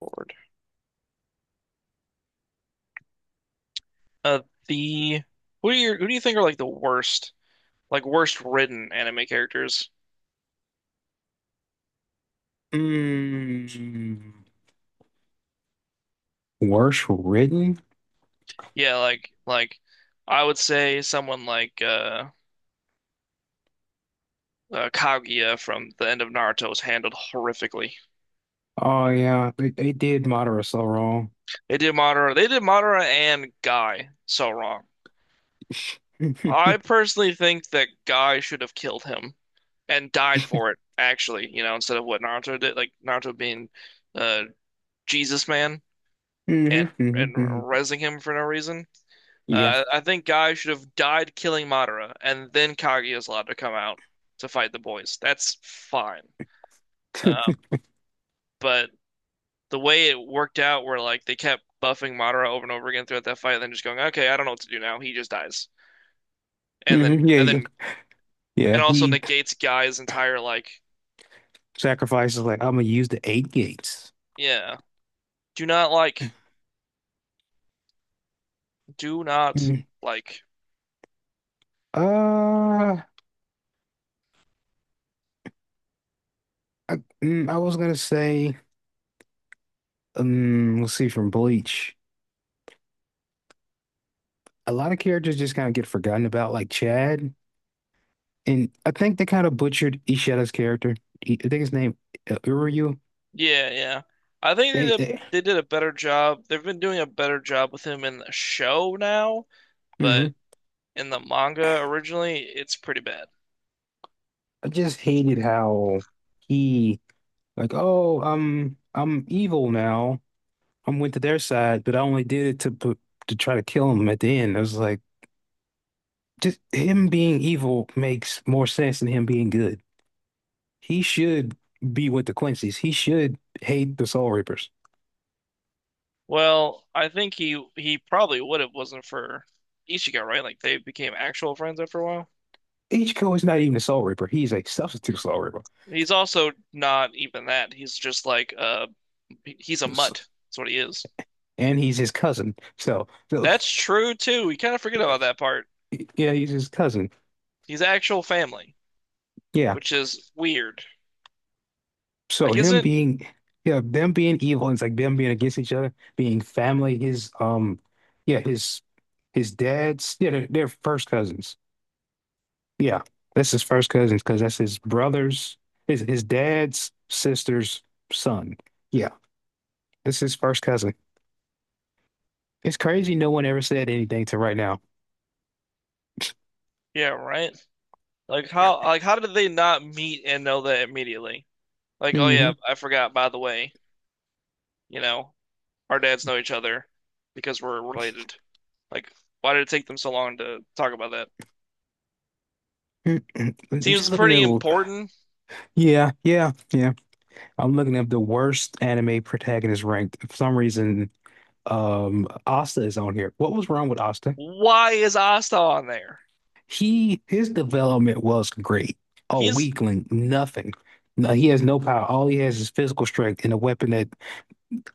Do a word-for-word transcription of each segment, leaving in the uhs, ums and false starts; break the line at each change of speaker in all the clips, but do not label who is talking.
Lord. Uh, the who do you who do you think are like the worst, like worst written anime characters?
Mm, worse written?
Yeah, like like I would say someone like uh, uh Kaguya from the end of Naruto was handled horrifically.
Oh yeah, they, they did Madara so wrong.
They did Madara, they did Madara and Guy so wrong.
hmm
I personally think that Guy should have killed him and died for it, actually, you know, instead of what Naruto did, like Naruto being uh Jesus man
hmm
and and
hmm
rezzing him for no reason.
Yeah.
Uh, I think Guy should have died killing Madara, and then Kage is allowed to come out to fight the boys. That's fine. Uh,
hmm
but the way it worked out, where like they kept buffing Madara over and over again throughout that fight, and then just going, "Okay, I don't know what to do now." He just dies, and then
yeah,
and
yeah.
then
Yeah,
it also
he
negates Guy's entire like,
sacrifices like I'm gonna use the eight gates.
yeah, do not like, do not
Mm.
like,
Uh I, mm, I was gonna say, um, let's see from Bleach. A lot of characters just kind of get forgotten about, like Chad. And I think they kind of butchered Ishida's character. He- I think his name uh, Uryu.
yeah, yeah. I think they
They,
did a,
they,
they did a better job. They've been doing a better job with him in the show now, but
mhm.
in the manga originally, it's pretty bad.
I just hated how he like, oh, I'm I'm evil now. I'm went to their side, but I only did it to put to try to kill him at the end. I was like, just him being evil makes more sense than him being good. He should be with the Quincy's. He should hate the Soul Reapers.
Well, I think he he probably would have wasn't for Ichigo, right? Like they became actual friends after a while.
Ichigo is not even a Soul Reaper. He's a substitute Soul Reaper.
He's also not even that. He's just like uh he's a mutt. That's what he is.
And he's his cousin. So, so
That's true too. We kind of forget about that part.
yeah, he's his cousin.
He's actual family,
Yeah,
which is weird.
so
Like
him
isn't
being, yeah, them being evil, and it's like them being against each other, being family. His um, yeah, his his dad's, yeah, they're, they're first cousins. Yeah, that's his first cousins because that's his brother's, his his dad's sister's son. Yeah, this is his first cousin. It's crazy no one ever said anything to right now.
yeah, right? Like how like how did they not meet and know that immediately? Like, oh yeah,
Hmm
I forgot, by the way, you know, our dads know each other because we're related. Like, why did it take them so long to talk about that?
I'm
Seems
just looking
pretty
at, a-
important.
yeah, yeah, yeah. I'm looking at the worst anime protagonist ranked. For some reason, um Asta is on here. What was wrong with Asta?
Why is Asta on there?
He his development was great. A
He's
weakling, nothing. No, he has no power. All he has is physical strength and a weapon that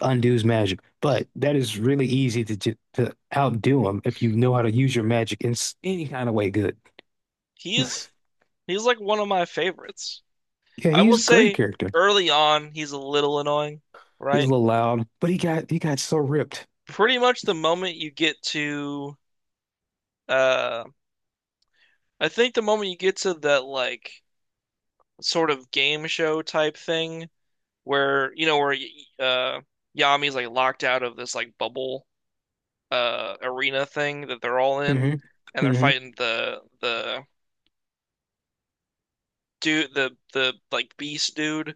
undoes magic. But that is really easy to ju- to outdo him if you know how to use your magic in s- any kind of way. Good.
he's he's like one of my favorites.
Yeah,
I will
he's a great
say
character.
early on he's a little annoying,
He's a
right?
little loud, but he got he got so ripped.
Pretty much the moment you get to uh I think the moment you get to that like sort of game show type thing where you know where uh Yami's like locked out of this like bubble uh arena thing that they're all in,
Hmm
and they're
hmm
fighting the the dude the the like beast dude.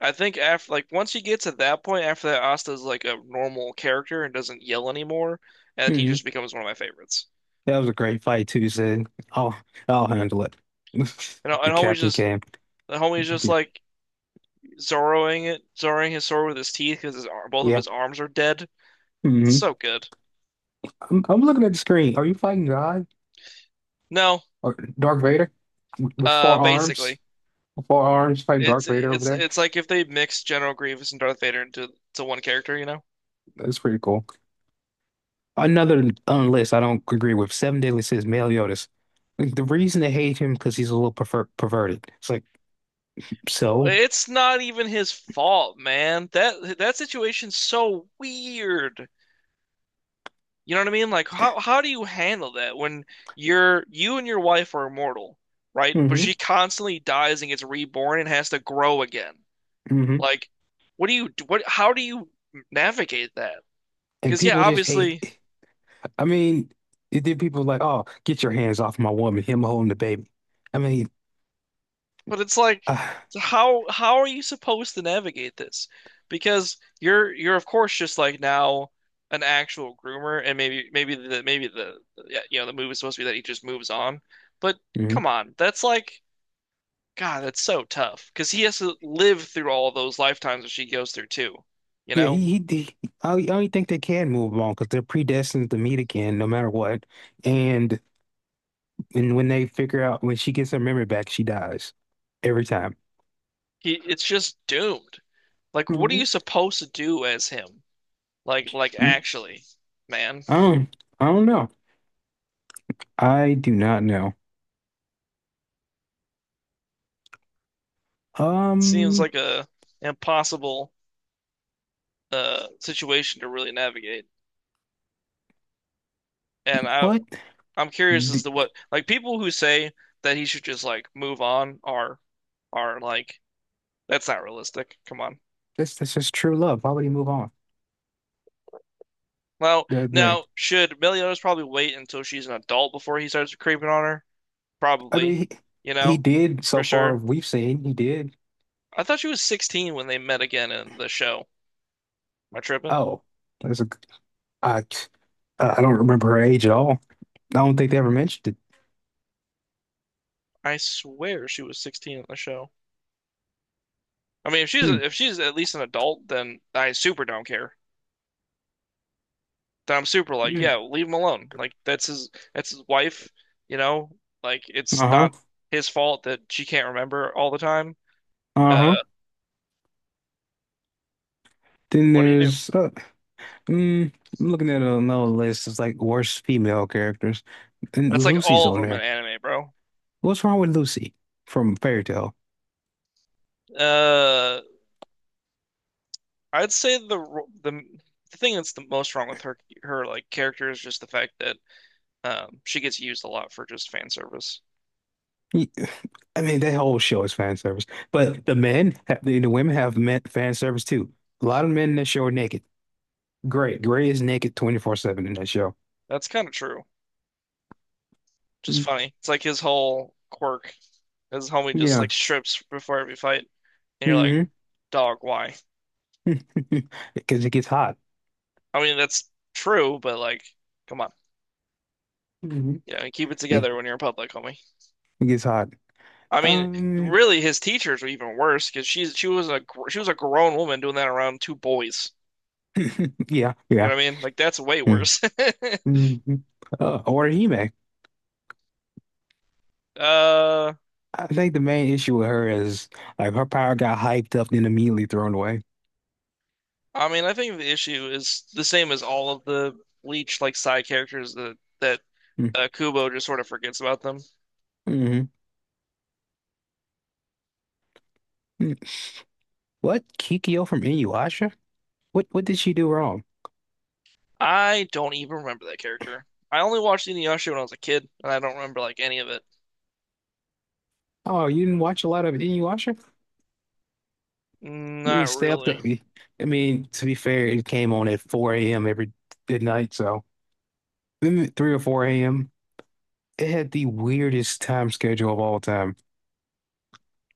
I think after like once you get to that point, after that, Asta's like a normal character and doesn't yell anymore, and he
hmm
just becomes one of my favorites.
That was a great fight too. He said, will I'll handle it."
And
The
and homie's
captain
just
came.
the homie's just
Yeah.
like Zoroing it, Zoroing his sword with his teeth because his ar both of
Yeah.
his arms are dead.
Mhm.
So good.
I'm, I'm looking at the screen. Are you fighting God
No,
or Darth Vader with
uh,
four arms?
basically,
Four arms fighting Darth
it's
Vader over
it's
there.
it's like if they mixed General Grievous and Darth Vader into to one character, you know?
That's pretty cool. Another on list I don't agree with. Seven Deadly Sins, Male Yoda's. Like, the reason they hate him because he's a little perver perverted. It's like so.
It's not even his fault, man. That that situation's so weird. You know what I mean? Like how how do you handle that when you're you and your wife are immortal, right? But
Hmm
she constantly dies and gets reborn and has to grow again.
hmm
Like, what do you what how do you navigate that?
And
Because yeah,
people just
obviously,
hate. I mean, it did people like, oh, get your hands off my woman. Him holding the baby. I mean,
but it's like,
ah.
how how are you supposed to navigate this? Because you're you're of course just like now an actual groomer, and maybe maybe the maybe the yeah, you know the move is supposed to be that he just moves on. But come on, that's like God, that's so tough because he has to live through all of those lifetimes that she goes through too. You
Yeah,
know,
he, he, he I only I only think they can move on because they're predestined to meet again, no matter what. And and when they figure out when she gets her memory back, she dies every time.
he it's just doomed. Like, what are you
Mhm.
supposed to do as him? Like, like actually, man,
I don't, I don't know. I do not know.
it seems
Um,
like a impossible uh situation to really navigate. And I
what?
I'm curious as
D-
to what like people who say that he should just like move on are are like that's not realistic. Come on.
This this is true love. How would he move on?
Well,
The- the-
now should Meliodas probably wait until she's an adult before he starts creeping on her?
I mean,
Probably.
he,
You
he
know,
did so
for
far.
sure.
We've seen he did.
I thought she was sixteen when they met again in the show. Am I tripping?
Oh, that's a. I I don't remember her age at all. I don't think they ever mentioned it.
I swear she was sixteen in the show. I mean, if she's
Hmm.
if she's at least an adult, then I super don't care. That I'm Super, like,
Yeah.
yeah, leave him alone. Like that's his that's his wife, you know? Like it's not
Uh-huh.
his fault that she can't remember all the time. Uh,
Uh-huh. Then
what do you do?
there's uh, mm, I'm looking at another list. It's like worst female characters,
That's
and
like
Lucy's
all of
on
them in
there.
anime, bro.
What's wrong with Lucy from Fairy Tale?
Uh, I'd say the the the thing that's the most wrong with her her like character is just the fact that um she gets used a lot for just fan service.
Y- I mean, that whole show is fan service, but the men, have, the, the women have men, fan service too. A lot of men in that show are naked. Gray, Gray is naked twenty-four seven in that show.
That's kind of true. Just
Mm,
funny. It's like his whole quirk. His homie just
yeah,
like strips before every fight, and you're like,
hmm
dog, why?
because it gets hot.
I mean, that's true, but like, come on.
Mhm.
Yeah, keep it
It,
together when you're in public, homie.
it gets hot.
I mean,
Um,
really, his teachers were even worse because she's she was a gr- she was a grown woman doing that around two boys.
yeah,
You
yeah.
know what I mean? Like that's way
Mm-hmm.
worse.
Mm-hmm. Uh, or Hime.
Uh,
I think the main issue with her is like her power got hyped up then immediately thrown away.
I mean, I think the issue is the same as all of the Bleach like side characters that that
Mm,
uh, Kubo just sort of forgets about them.
Mm-hmm. mm. What? Kikyo from Inuyasha? What what did she do wrong?
I don't even remember that character. I only watched Inuyasha when I was a kid, and I don't remember like any of it.
Oh, you didn't watch a lot of Inuyasha? You didn't
Not
stay up to
really.
I mean, to be fair, it came on at four a m every at night, so maybe three or four a m. It had the weirdest time schedule of all time.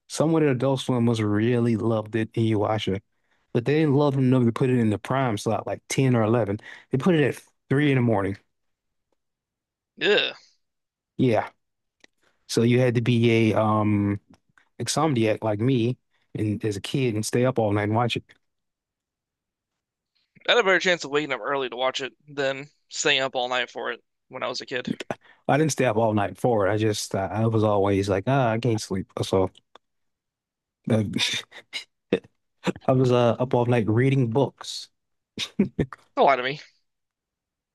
Someone at Adult Swim must have really loved it Inuyasha. But they didn't love them enough to put it in the prime slot, like ten or eleven. They put it at three in the morning.
Yeah.
Yeah. So you had to be a um insomniac like me and as a kid and stay up all night and watch it.
I had a better chance of waking up early to watch it than staying up all night for it when I was a kid.
I didn't stay up all night for it. I just uh, I was always like, ah, I can't sleep. So uh, I was uh, up all night reading books.
Don't lie to me.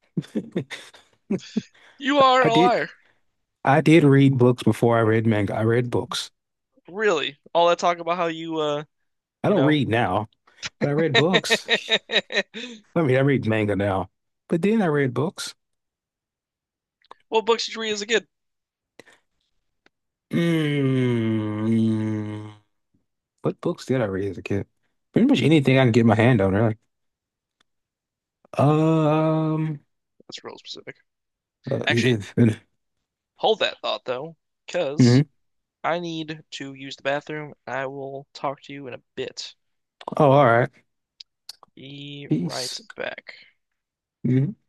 You are
I
a
did
liar.
I did read books before I read manga. I read books.
Really? All that talk about how you, uh,
I
you
don't
know.
read now, but I read books. I mean, I read manga now, but then I read books.
What books did you read as a kid?
Mm. What books did I read as a kid? Pretty much anything I can get my hand on. Really. um,
That's real specific.
uh, yeah,
Actually, hold that thought though, because
hmm
I need to use the bathroom. I will talk to you in a bit.
Oh, all right.
Be right
Peace.
back.
Mm-hmm.